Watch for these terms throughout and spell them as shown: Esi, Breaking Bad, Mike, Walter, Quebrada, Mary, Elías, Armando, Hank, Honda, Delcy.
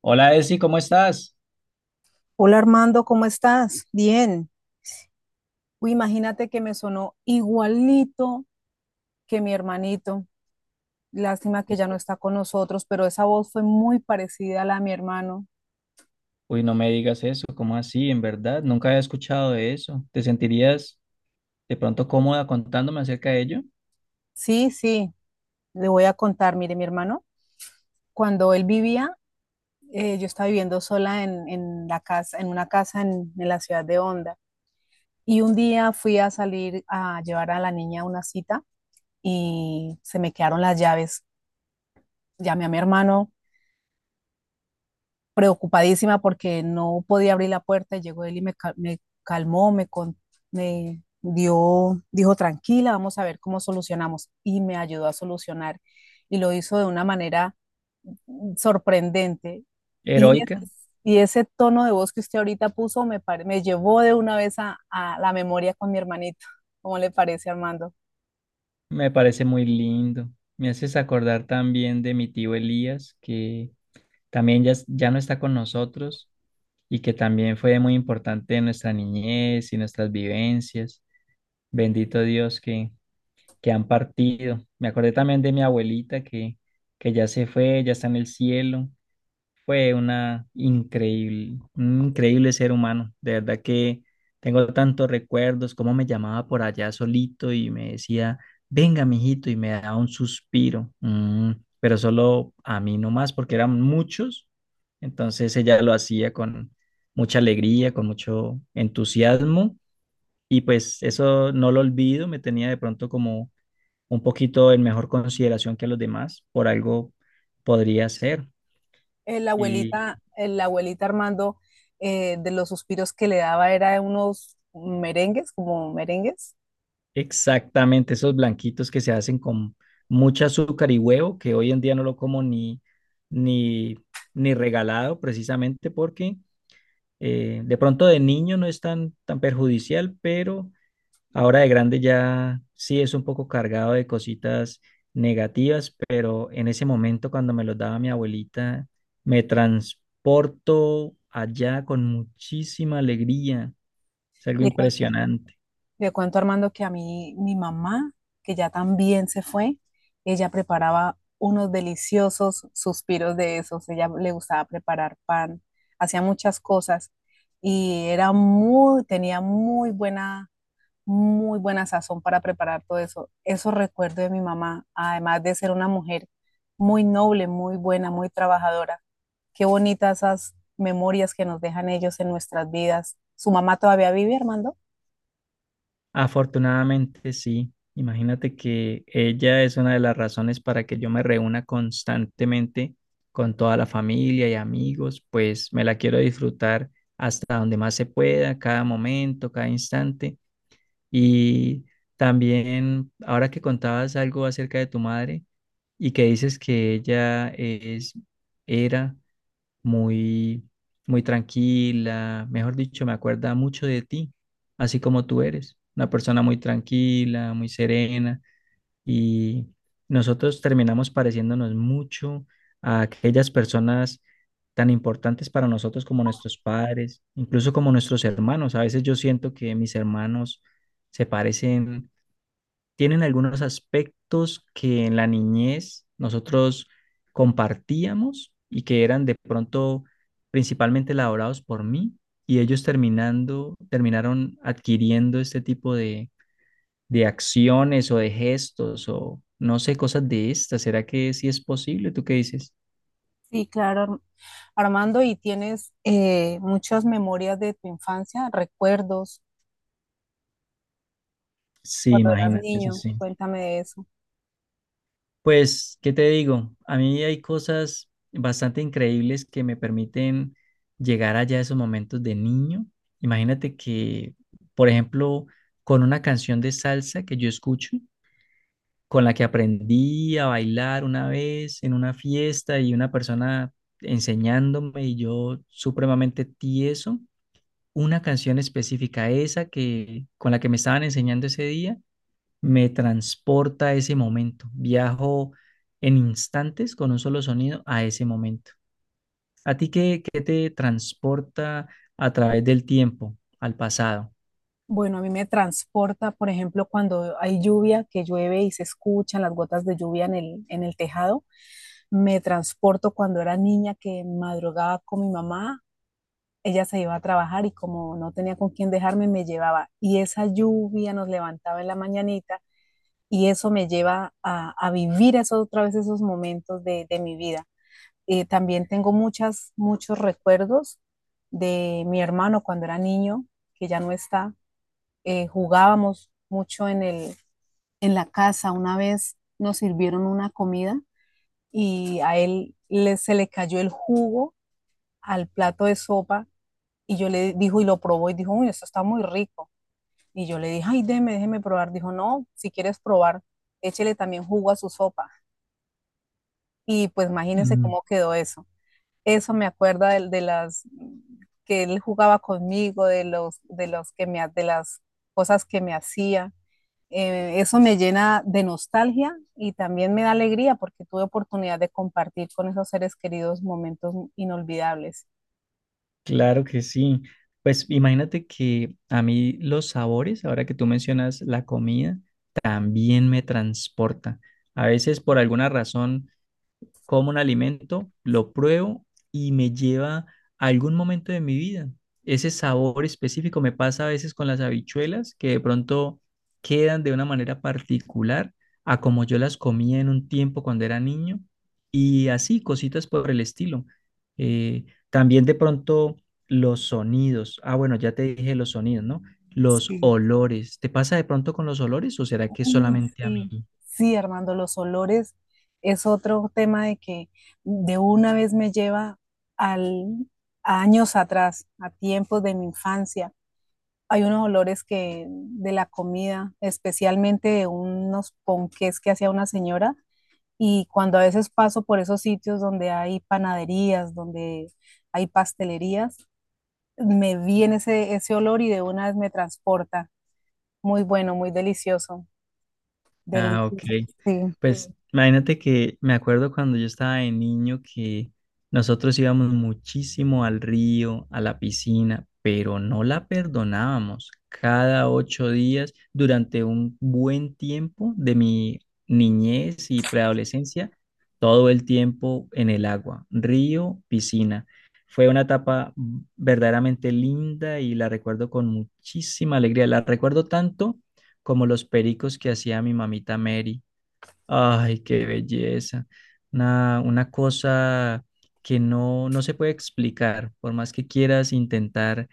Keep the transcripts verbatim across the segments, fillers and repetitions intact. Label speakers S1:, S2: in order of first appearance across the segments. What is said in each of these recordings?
S1: Hola, Esi, ¿cómo estás?
S2: Hola Armando, ¿cómo estás? Bien. Uy, imagínate que me sonó igualito que mi hermanito. Lástima que ya no está con nosotros, pero esa voz fue muy parecida a la de mi hermano.
S1: Uy, no me digas eso, ¿cómo así? En verdad, nunca había escuchado de eso. ¿Te sentirías de pronto cómoda contándome acerca de ello?
S2: Sí, sí, le voy a contar. Mire, mi hermano, cuando él vivía, eh, yo estaba viviendo sola en, en la casa, en una casa en, en la ciudad de Honda. Y un día fui a salir a llevar a la niña a una cita y se me quedaron las llaves. Llamé a mi hermano preocupadísima porque no podía abrir la puerta. Llegó él y me, cal- me calmó, me, con- me dio, dijo, tranquila, vamos a ver cómo solucionamos. Y me ayudó a solucionar. Y lo hizo de una manera sorprendente. Y, es-
S1: Heroica,
S2: y ese tono de voz que usted ahorita puso me, pare- me llevó de una vez a, a la memoria con mi hermanito. ¿Cómo le parece, Armando?
S1: me parece muy lindo. Me haces acordar también de mi tío Elías, que también ya, es- ya no está con nosotros y que también fue muy importante en nuestra niñez y nuestras vivencias. Bendito Dios que, que han partido. Me acordé también de mi abuelita que, que ya se fue, ya está en el cielo. Fue una increíble, un increíble ser humano. De verdad que tengo tantos recuerdos, cómo me llamaba por allá solito y me decía, venga, mijito, y me daba un suspiro. Mm, pero solo a mí nomás, porque eran muchos. Entonces ella lo hacía con mucha alegría, con mucho entusiasmo. Y pues eso no lo olvido, me tenía de pronto como un poquito en mejor consideración que a los demás, por algo podría ser.
S2: Eh, La
S1: Y
S2: abuelita, eh, la abuelita Armando, eh, de los suspiros que le daba era de unos merengues, como merengues.
S1: exactamente, esos blanquitos que se hacen con mucho azúcar y huevo, que hoy en día no lo como ni, ni, ni regalado precisamente porque eh, de pronto de niño no es tan, tan perjudicial, pero ahora de grande ya sí es un poco cargado de cositas negativas, pero en ese momento cuando me los daba mi abuelita, me transporto allá con muchísima alegría. Es algo
S2: Le cuento,
S1: impresionante.
S2: le cuento, Armando, que a mí, mi mamá, que ya también se fue, ella preparaba unos deliciosos suspiros de esos. Ella le gustaba preparar pan, hacía muchas cosas y era muy, tenía muy buena, muy buena sazón para preparar todo eso. Eso recuerdo de mi mamá, además de ser una mujer muy noble, muy buena, muy trabajadora. Qué bonitas esas memorias que nos dejan ellos en nuestras vidas. ¿Su mamá todavía vive, Armando?
S1: Afortunadamente sí. Imagínate que ella es una de las razones para que yo me reúna constantemente con toda la familia y amigos, pues me la quiero disfrutar hasta donde más se pueda, cada momento, cada instante. Y también, ahora que contabas algo acerca de tu madre y que dices que ella es, era muy, muy tranquila, mejor dicho, me acuerda mucho de ti, así como tú eres, una persona muy tranquila, muy serena, y nosotros terminamos pareciéndonos mucho a aquellas personas tan importantes para nosotros como nuestros padres, incluso como nuestros hermanos. A veces yo siento que mis hermanos se parecen tienen algunos aspectos que en la niñez nosotros compartíamos y que eran de pronto principalmente elaborados por mí y ellos terminando, terminaron adquiriendo este tipo de, de acciones o de gestos o no sé, cosas de estas. ¿Será que sí es posible? ¿Tú qué dices?
S2: Sí, claro, Armando, ¿y tienes eh, muchas memorias de tu infancia, recuerdos
S1: Sí,
S2: cuando eras
S1: imagínate, eso
S2: niño?
S1: sí.
S2: Cuéntame de eso.
S1: Pues, ¿qué te digo? A mí hay cosas bastante increíbles que me permiten llegar allá a esos momentos de niño. Imagínate que, por ejemplo, con una canción de salsa que yo escucho, con la que aprendí a bailar una vez en una fiesta y una persona enseñándome y yo supremamente tieso, una canción específica, esa que con la que me estaban enseñando ese día me transporta a ese momento. Viajo en instantes con un solo sonido a ese momento. ¿A ti qué, qué te transporta a través del tiempo, al pasado?
S2: Bueno, a mí me transporta, por ejemplo, cuando hay lluvia, que llueve y se escuchan las gotas de lluvia en el, en el tejado. Me transporto cuando era niña que madrugaba con mi mamá. Ella se iba a trabajar y como no tenía con quién dejarme, me llevaba. Y esa lluvia nos levantaba en la mañanita y eso me lleva a, a vivir esos, otra vez esos momentos de de mi vida. Eh, también tengo muchas, muchos recuerdos de mi hermano cuando era niño, que ya no está. Eh, jugábamos mucho en, el, en la casa. Una vez nos sirvieron una comida y a él le, se le cayó el jugo al plato de sopa y yo le dijo y lo probó y dijo, uy, esto está muy rico. Y yo le dije, ay, déjeme, déjeme probar. Dijo, no, si quieres probar, échele también jugo a su sopa. Y pues imagínense
S1: Mm,
S2: cómo quedó eso. Eso me acuerda de, de las que él jugaba conmigo, de los, de los que me, ha- de las cosas que me hacía. Eh, eso me llena de nostalgia y también me da alegría porque tuve oportunidad de compartir con esos seres queridos momentos inolvidables.
S1: claro que sí. Pues imagínate que a mí los sabores, ahora que tú mencionas la comida, también me transporta. A veces por alguna razón como un alimento, lo pruebo y me lleva a algún momento de mi vida. Ese sabor específico me pasa a veces con las habichuelas que de pronto quedan de una manera particular a como yo las comía en un tiempo cuando era niño y así, cositas por el estilo. Eh, También de pronto los sonidos. Ah, bueno, ya te dije los sonidos, ¿no? Los
S2: Sí.
S1: olores. ¿Te pasa de pronto con los olores o será que
S2: Uy,
S1: solamente a
S2: sí,
S1: mí?
S2: sí, Armando, los olores es otro tema, de que de una vez me lleva al, a años atrás, a tiempos de mi infancia. Hay unos olores, que de la comida, especialmente de unos ponqués que hacía una señora. Y cuando a veces paso por esos sitios donde hay panaderías, donde hay pastelerías, me viene ese, ese olor y de una vez me transporta. Muy bueno, muy delicioso.
S1: Ah, ok.
S2: Delicioso,
S1: Sí.
S2: sí.
S1: Pues sí, imagínate que me acuerdo cuando yo estaba de niño que nosotros íbamos muchísimo al río, a la piscina, pero no la perdonábamos. Cada ocho días, durante un buen tiempo de mi niñez y preadolescencia, todo el tiempo en el agua, río, piscina. Fue una etapa verdaderamente linda y la recuerdo con muchísima alegría. La recuerdo tanto como los pericos que hacía mi mamita Mary. Ay, qué belleza. Una, una cosa que no, no se puede explicar, por más que quieras intentar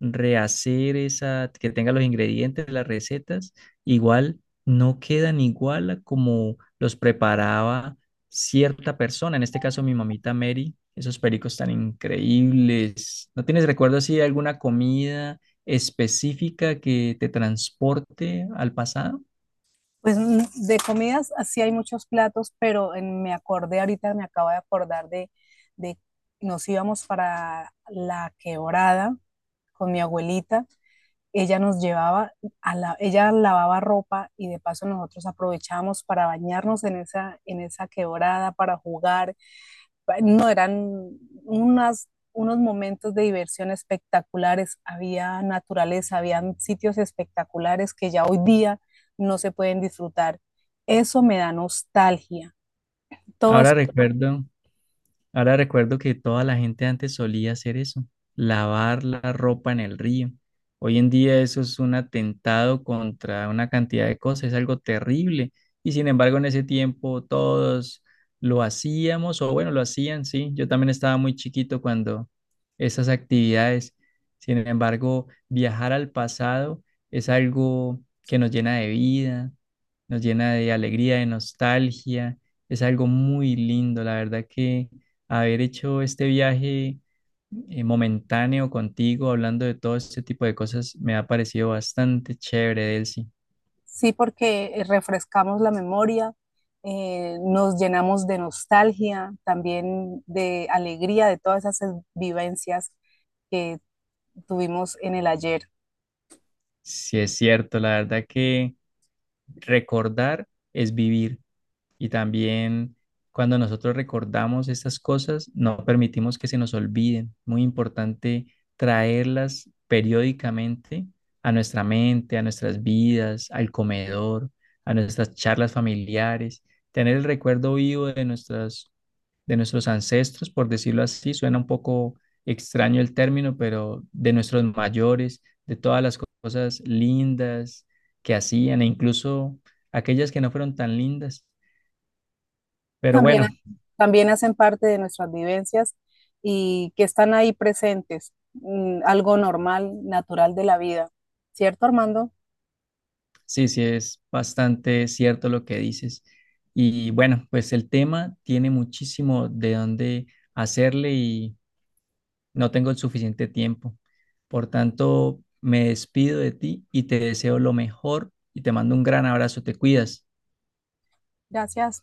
S1: rehacer esa, que tenga los ingredientes de las recetas, igual no quedan igual a como los preparaba cierta persona, en este caso mi mamita Mary, esos pericos tan increíbles. ¿No tienes recuerdo así de alguna comida específica que te transporte al pasado?
S2: Pues mm, de comidas así hay muchos platos, pero en- me acordé ahorita, me acabo de acordar de, de nos íbamos para la Quebrada con mi abuelita. Ella nos llevaba, a la, ella lavaba ropa y de paso nosotros aprovechábamos para bañarnos en esa, en esa quebrada, para jugar. No, eran unas, unos momentos de diversión espectaculares, había naturaleza, habían sitios espectaculares que ya hoy día no se pueden disfrutar. Eso me da nostalgia. Todo eso.
S1: Ahora recuerdo. Ahora recuerdo que toda la gente antes solía hacer eso, lavar la ropa en el río. Hoy en día eso es un atentado contra una cantidad de cosas, es algo terrible. Y sin embargo, en ese tiempo todos lo hacíamos, o bueno, lo hacían, sí. Yo también estaba muy chiquito cuando esas actividades. Sin embargo, viajar al pasado es algo que nos llena de vida, nos llena de alegría, de nostalgia. Es algo muy lindo, la verdad que haber hecho este viaje eh, momentáneo contigo, hablando de todo este tipo de cosas, me ha parecido bastante chévere, Delcy.
S2: Sí, porque eh, refrescamos la memoria, eh, nos llenamos de nostalgia, también de alegría de todas esas vivencias que tuvimos en el ayer.
S1: Sí, es cierto, la verdad que recordar es vivir. Y también cuando nosotros recordamos estas cosas, no permitimos que se nos olviden. Muy importante traerlas periódicamente a nuestra mente, a nuestras vidas, al comedor, a nuestras charlas familiares. Tener el recuerdo vivo de, nuestras, de nuestros ancestros, por decirlo así, suena un poco extraño el término, pero de nuestros mayores, de todas las cosas lindas que hacían e incluso aquellas que no fueron tan lindas pero
S2: También,
S1: bueno,
S2: también hacen parte de nuestras vivencias y que están ahí presentes, mm, algo normal, natural de la vida. ¿Cierto, Armando?
S1: sí, sí, es bastante cierto lo que dices. Y bueno, pues el tema tiene muchísimo de dónde hacerle y no tengo el suficiente tiempo. Por tanto, me despido de ti y te deseo lo mejor y te mando un gran abrazo. Te cuidas.
S2: Gracias.